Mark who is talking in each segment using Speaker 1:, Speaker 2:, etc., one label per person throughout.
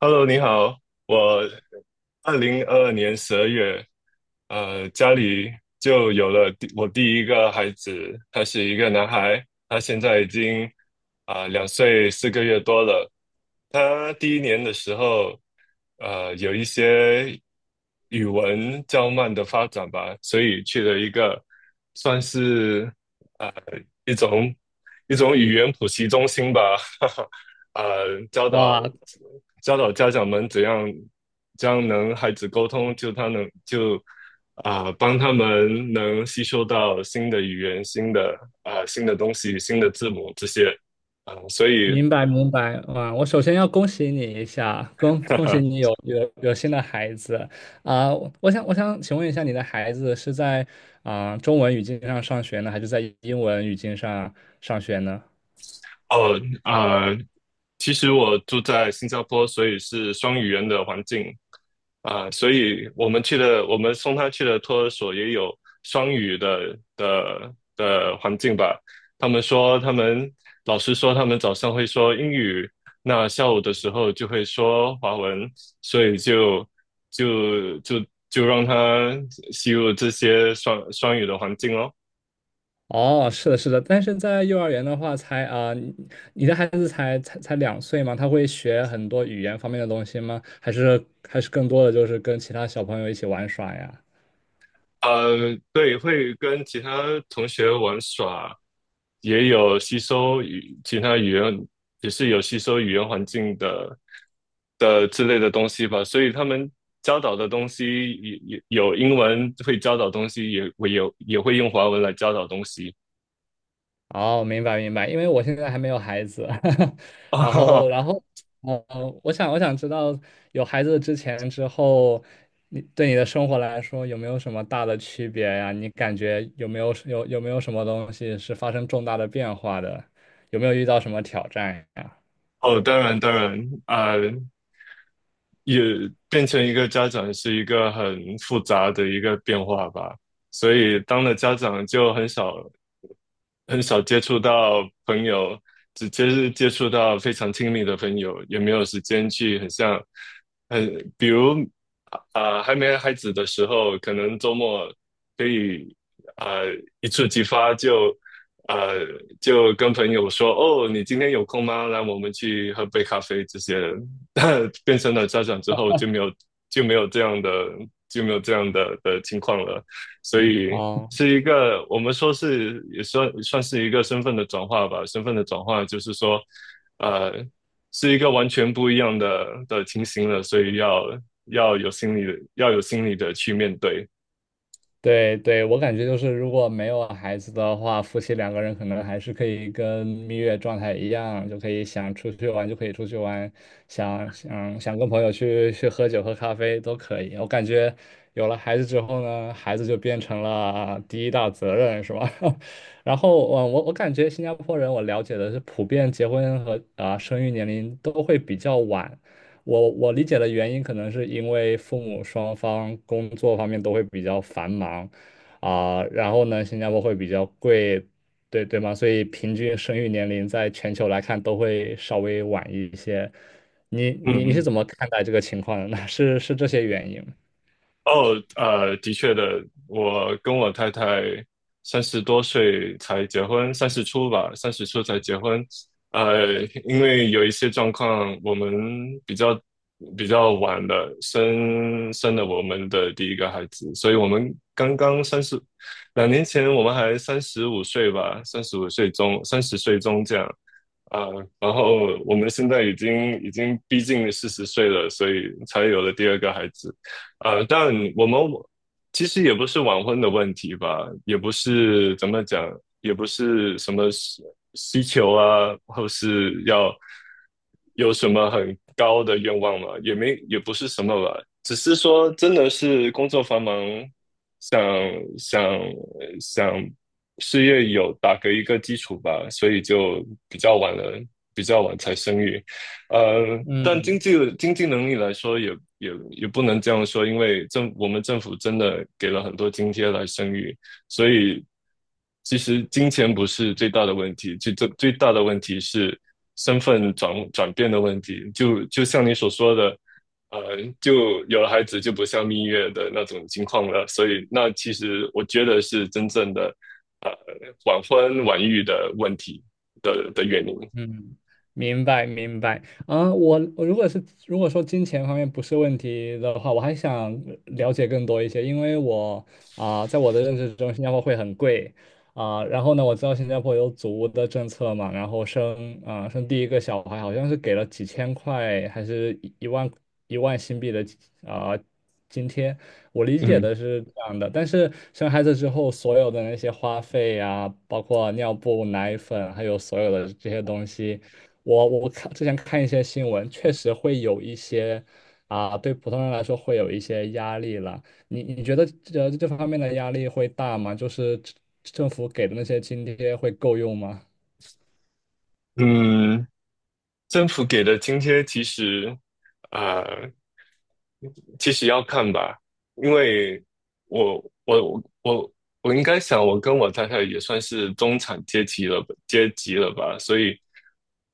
Speaker 1: Hello，你好，我2022年12月，家里就有了我第一个孩子，他是一个男孩，他现在已经2岁4个月多了。他第一年的时候，有一些语文较慢的发展吧，所以去了一个算是呃一种一种语言补习中心吧，哈哈，呃教导
Speaker 2: 哇，
Speaker 1: 教导家长们怎样能孩子沟通，就他能，帮他们能吸收到新的语言、新的新的东西、新的字母这些所以。
Speaker 2: 明白明白，哇！我首先要恭喜你一下，恭
Speaker 1: 哈
Speaker 2: 恭喜
Speaker 1: 哈。
Speaker 2: 你有新的孩子啊！我想请问一下，你的孩子是在中文语境上学呢，还是在英文语境上上学呢？
Speaker 1: 哦，其实我住在新加坡，所以是双语言的环境啊。所以我们去的，我们送他去的托儿所也有双语的环境吧。他们老师说，他们早上会说英语，那下午的时候就会说华文，所以就就就让他吸入这些双语的环境哦。
Speaker 2: 哦，是的，是的，但是在幼儿园的话才，你的孩子才两岁嘛，他会学很多语言方面的东西吗？还是还是更多的就是跟其他小朋友一起玩耍呀？
Speaker 1: 对，会跟其他同学玩耍，也有吸收其他语言，也是有吸收语言环境的之类的东西吧。所以他们教导的东西也有英文会教导东西，也会用华文来教导东西。
Speaker 2: 哦，明白明白，因为我现在还没有孩子，然后
Speaker 1: 哦。
Speaker 2: 然后，呃，我想知道有孩子之前之后，你对你的生活来说有没有什么大的区别呀？你感觉有没有什么东西是发生重大的变化的？有没有遇到什么挑战呀？
Speaker 1: 哦，当然当然，啊、也变成一个家长是一个很复杂的一个变化吧。所以当了家长就很少很少接触到朋友，是接触到非常亲密的朋友，也没有时间去很像，很比如啊、还没孩子的时候，可能周末可以，啊、呃一触即发，呃就跟朋友说哦，你今天有空吗？来，我们去喝杯咖啡这些。变成了家长之后，就没有这样的就没有这样的情况了。所以
Speaker 2: 哦
Speaker 1: 是一个我们说是也算是一个身份的转化吧。身份的转化就是说，呃，是一个完全不一样的情形了，所以要有心理的去面对。
Speaker 2: 对对，我感觉就是，如果没有孩子的话，夫妻两个人可能还是可以跟蜜月状态一样，就可以想出去玩就可以出去玩，想跟朋友去喝酒喝咖啡都可以。我感觉有了孩子之后呢，孩子就变成了第一大责任，是吧？然后我感觉新加坡人，我了解的是，普遍结婚和生育年龄都会比较晚。我理解的原因，可能是因为父母双方工作方面都会比较繁忙，然后呢，新加坡会比较贵，对对吗？所以平均生育年龄在全球来看都会稍微晚一些。你是
Speaker 1: 嗯。
Speaker 2: 怎么看待这个情况的呢？是是这些原因
Speaker 1: 哦，的确的，我跟我太太三十多岁才结婚，三十出才结婚。因为有一些状况，我们比较比较晚的生了我们的第一个孩子，所以我们刚刚三十，2年前我们还三十五岁吧，三十五岁中，三十岁中这样。啊，然后我们现在已经逼近四十岁了，所以才有了第二个孩子。但我们其实也不是晚婚的问题吧，也不是怎么讲，也不是什么需求啊，或是要有什么很高的愿望嘛，也不是什么吧，只是说真的是工作繁忙，想想想事业有打个一个基础吧，所以就比较晚了，比较晚才生育。但
Speaker 2: 嗯。
Speaker 1: 经济能力来说也，也不能这样说，因为我们政府真的给了很多津贴来生育，所以其实金钱不是最大的问题，最大的问题是身份转变的问题。就像你所说的，呃，就有了孩子就不像蜜月的那种情况了，所以那其实我觉得是真正的呃晚婚晚育的问题的原因。
Speaker 2: 嗯，明白明白。我如果是如果说金钱方面不是问题的话，我还想了解更多一些，因为我在我的认知中，新加坡会很贵然后呢，我知道新加坡有祖屋的政策嘛，然后生生第一个小孩好像是给了几千块，还是一一万新币的啊、津贴。我理解
Speaker 1: 嗯
Speaker 2: 的是这样的，但是生孩子之后，所有的那些花费呀、包括尿布、奶粉，还有所有的这些东西，我看之前看一些新闻，确实会有一些啊，对普通人来说会有一些压力了。你你觉得这方面的压力会大吗？就是政府给的那些津贴会够用吗？
Speaker 1: 嗯。政府给的津贴其实，呃，其实要看吧，因为我我我我应该想，我跟我太太也算是中产阶级了吧，所以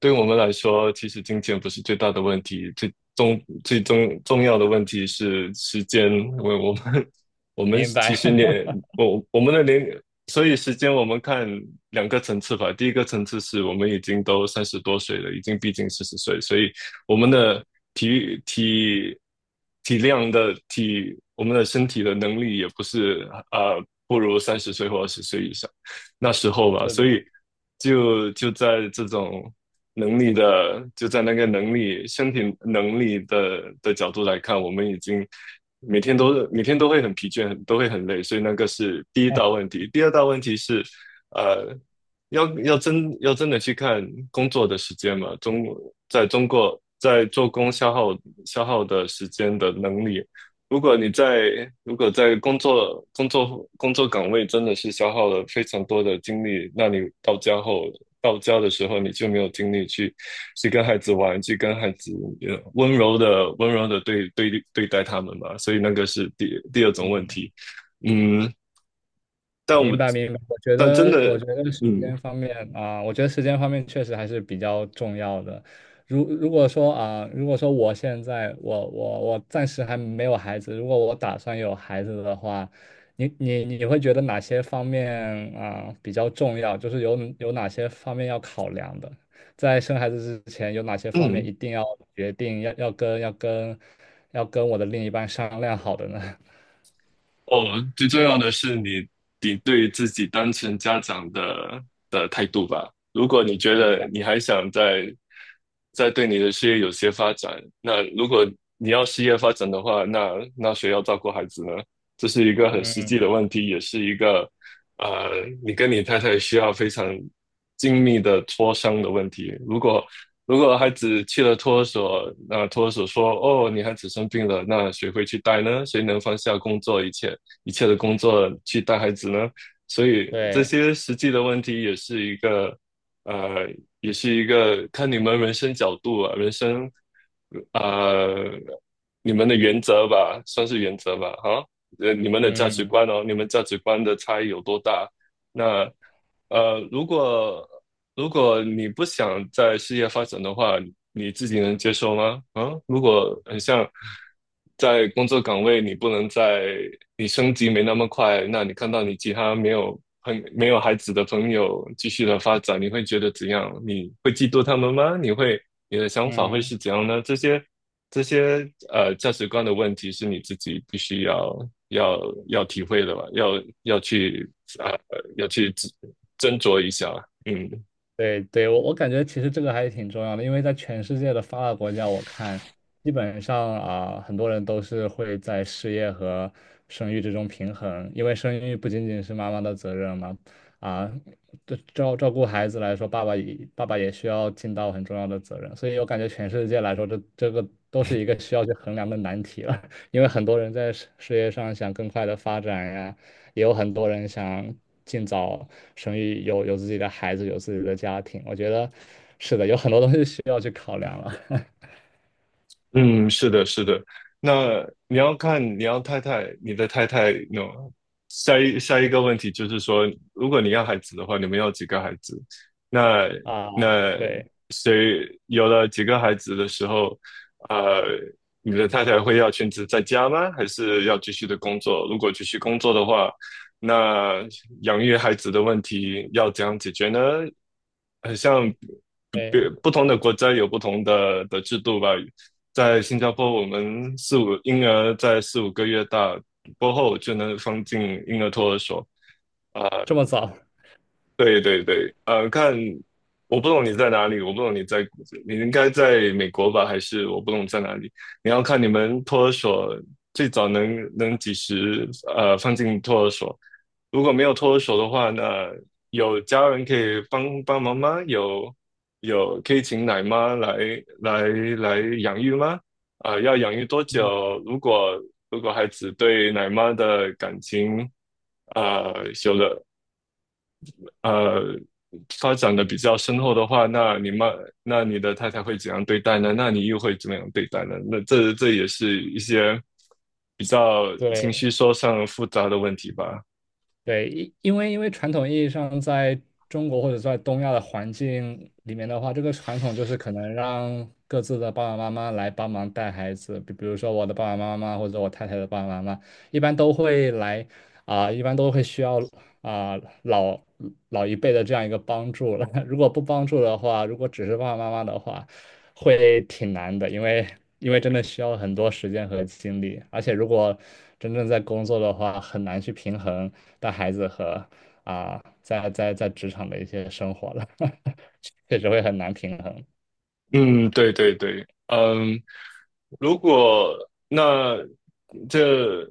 Speaker 1: 对我们来说，其实金钱不是最大的问题，最重要的问题是时间，因为我们
Speaker 2: 明
Speaker 1: 其
Speaker 2: 白，
Speaker 1: 实我们的年。所以时间我们看两个层次吧，第一个层次是我们已经都三十多岁了，已经逼近四十岁，所以我们的体育体体量的体，我们的身体的能力也不是不如三十岁或20岁以上那时候 吧，
Speaker 2: 是的。
Speaker 1: 所以就就在这种就在那个能力、身体能力的角度来看，我们已经每天都会很疲倦，都会很累，所以那个是第一大问题。第二大问题是，呃，要真的去看工作的时间嘛，在中国在做工消耗的时间的能力，如果在工作岗位真的是消耗了非常多的精力，那你到家的时候你就没有精力去跟孩子玩，去跟孩子温柔的对待他们嘛，所以那个是第二种问题。嗯，但我
Speaker 2: 明
Speaker 1: 们
Speaker 2: 白明白，我觉
Speaker 1: 但真
Speaker 2: 得我
Speaker 1: 的。
Speaker 2: 觉得时
Speaker 1: 嗯
Speaker 2: 间方面啊、我觉得时间方面确实还是比较重要的。如果说如果说我现在我暂时还没有孩子，如果我打算有孩子的话，你会觉得哪些方面比较重要？就是有哪些方面要考量的？在生孩子之前，有哪些方面
Speaker 1: 嗯。
Speaker 2: 一定要决定要跟我的另一半商量好的呢？
Speaker 1: 哦，最重要的是你对自己当成家长的态度吧。如果你觉
Speaker 2: 明
Speaker 1: 得
Speaker 2: 白，
Speaker 1: 你还想再对你的事业有些发展，那如果你要事业发展的话，那谁要照顾孩子呢？这是一个很实际
Speaker 2: 嗯，
Speaker 1: 的问题，也是一个。呃，你跟你太太需要非常精密的磋商的问题。如果孩子去了托儿所，那托儿所说：“哦，你孩子生病了，那谁会去带呢？谁能放下工作一切？”一切的工作去带孩子呢？所以这
Speaker 2: 对，
Speaker 1: 些实际的问题也是一个，呃，也是一个看你们人生角度啊。呃，你们的原则吧，算是原则吧，哈，你们的价值
Speaker 2: 嗯
Speaker 1: 观哦，你们价值观的差异有多大？那。呃，如果如果你不想在事业发展的话，你自己能接受吗？啊，如果很像在工作岗位，你不能在你升级没那么快，那你看到你其他没有孩子的朋友继续的发展，你会觉得怎样？你会嫉妒他们吗？你的想法会
Speaker 2: 嗯。
Speaker 1: 是怎样呢？这些价值观的问题是你自己必须要要体会的吧，要去要去斟酌一下。嗯。
Speaker 2: 对对，我感觉其实这个还挺重要的，因为在全世界的发达国家，我看基本上啊，很多人都是会在事业和生育之中平衡，因为生育不仅仅是妈妈的责任嘛，啊，对照顾孩子来说，爸爸也需要尽到很重要的责任，所以我感觉全世界来说，这个都是一个需要去衡量的难题了，因为很多人在事业上想更快的发展呀。也有很多人想尽早生育，有自己的孩子，有自己的家庭。我觉得是的，有很多东西需要去考量了
Speaker 1: 嗯。是的，是的。那你要看你要太太，你的太太那下一个问题就是说，如果你要孩子的话，你们要几个孩子？那
Speaker 2: 啊。
Speaker 1: 那
Speaker 2: 对，
Speaker 1: 谁有了几个孩子的时候，呃，你的太太会要全职在家吗？还是要继续的工作？如果继续工作的话，那养育孩子的问题要怎样解决呢？很像别
Speaker 2: 对，
Speaker 1: 不同的国家有不同的制度吧。在新加坡，我们婴儿在四五个月大过后就能放进婴儿托儿所。啊、
Speaker 2: 这么早，
Speaker 1: 对对对，看，我不懂你在哪里，我不懂你在，你应该在美国吧，还是我不懂在哪里？你要看你们托儿所最早能几时放进托儿所，如果没有脱手的话，那有家人可以帮帮忙吗？有可以请奶妈来来养育吗？要养育多久？如果孩子对奶妈的感情，呃，有了呃发展的比较深厚的话，那那你的太太会怎样对待呢？那你又会怎么样对待呢？那这也是一些比较情
Speaker 2: 对
Speaker 1: 绪说上复杂的问题吧。
Speaker 2: 对，因为因为传统意义上，在中国或者在东亚的环境里面的话，这个传统就是可能让各自的爸爸妈妈来帮忙带孩子，比如说我的爸爸妈妈或者我太太的爸爸妈妈，一般都会来一般都会需要啊、老老一辈的这样一个帮助了。如果不帮助的话，如果只是爸爸妈妈的话，会挺难的，因为真的需要很多时间和精力，而且如果真正在工作的话，很难去平衡带孩子和在职场的一些生活了，确实会很难平衡。
Speaker 1: 嗯，对对对，嗯，如果那这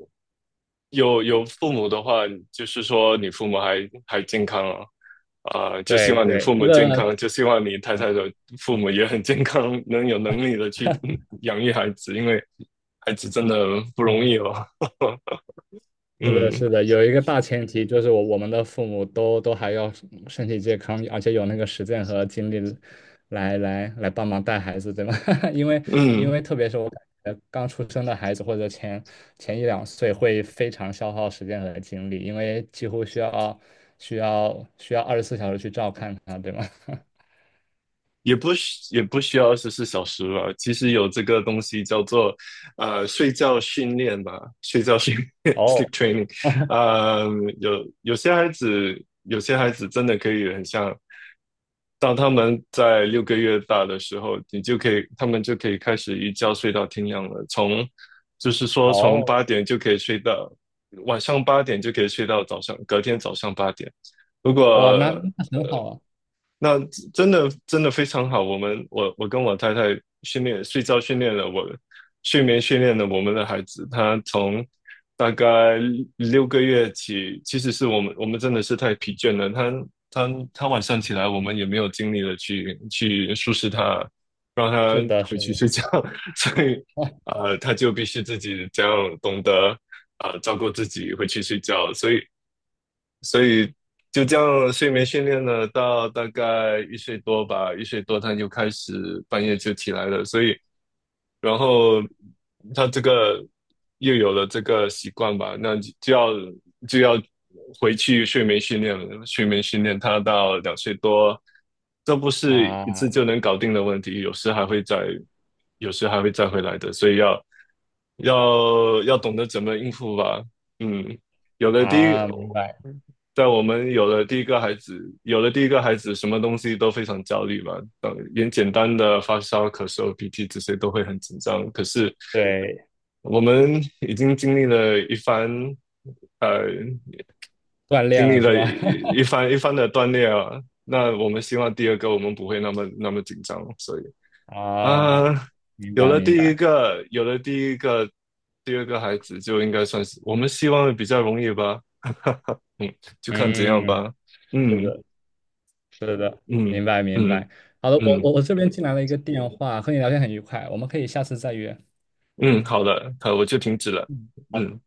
Speaker 1: 有父母的话，就是说你父母还健康啊，就希
Speaker 2: 对
Speaker 1: 望你
Speaker 2: 对，
Speaker 1: 父
Speaker 2: 这
Speaker 1: 母健
Speaker 2: 个
Speaker 1: 康，就希望你太太的父母也很健康，能有能力的去养育孩子，因为孩子真的不容
Speaker 2: 嗯。
Speaker 1: 易哦。
Speaker 2: 是的，
Speaker 1: 嗯
Speaker 2: 是的，有一个大前提就是我们的父母都还要身体健康，而且有那个时间和精力来帮忙带孩子，对吧？因为因
Speaker 1: 嗯，
Speaker 2: 为特别是我感觉刚出生的孩子或者前一两岁会非常消耗时间和精力，因为几乎需要24小时去照看他，对吗？
Speaker 1: 也不需要24小时吧。其实有这个东西叫做睡觉训练吧，睡觉训练 （sleep
Speaker 2: 哦
Speaker 1: training）。呃，有些孩子，真的可以很像。当他们在六个月大的时候，你就可以，他们就可以开始一觉睡到天亮了。就是说从八
Speaker 2: 哦，
Speaker 1: 点就可以睡到晚上八点，就可以睡到隔天早上八点。如果
Speaker 2: 哇，那那很好
Speaker 1: 呃。
Speaker 2: 啊，
Speaker 1: 那真的真的非常好，我跟我太太训练睡觉训练了我睡眠训练了我们的孩子。他从大概六个月起，其实是我们真的是太疲倦了，他晚上起来，我们也没有精力了去收拾他，让他
Speaker 2: 是的，是
Speaker 1: 回去
Speaker 2: 的，
Speaker 1: 睡觉，所以
Speaker 2: 哇
Speaker 1: 他就必须自己这样懂得，照顾自己回去睡觉，所以所
Speaker 2: 嗯
Speaker 1: 以就这样睡眠训练了到大概一岁多吧，一岁多他就开始半夜就起来了，所以然后他这个又有了这个习惯吧，那就就要就要回去睡眠训练了。睡眠训练他到2岁多，这不是一次
Speaker 2: 啊
Speaker 1: 就能搞定的问题，有时还会再回来的，所以要。要懂得怎么应付吧。嗯，有了第一，
Speaker 2: 啊，明白，
Speaker 1: 在我们有了第一个孩子，什么东西都非常焦虑吧。嗯，连简单的发烧、咳嗽、鼻涕这些都会很紧张。可是
Speaker 2: 对。
Speaker 1: 我们已经经历了一番，呃，
Speaker 2: 锻炼
Speaker 1: 经历
Speaker 2: 了是
Speaker 1: 了
Speaker 2: 吧？
Speaker 1: 一一番一番的锻炼啊。那我们希望第二个我们不会那么那么紧张，所以 啊，
Speaker 2: 啊，
Speaker 1: 呃
Speaker 2: 明白明白，
Speaker 1: 有了第一个，第二个孩子就应该算是我们希望比较容易吧。嗯，就看怎样
Speaker 2: 嗯，
Speaker 1: 吧。
Speaker 2: 这
Speaker 1: 嗯
Speaker 2: 个是的，
Speaker 1: 嗯
Speaker 2: 明白明白。
Speaker 1: 嗯
Speaker 2: 好的，我
Speaker 1: 嗯嗯
Speaker 2: 我我这边进来了一个电话，和你聊天很愉快，我们可以下次再约。
Speaker 1: 嗯，好了，好，我就停止了。
Speaker 2: 嗯，好
Speaker 1: 嗯。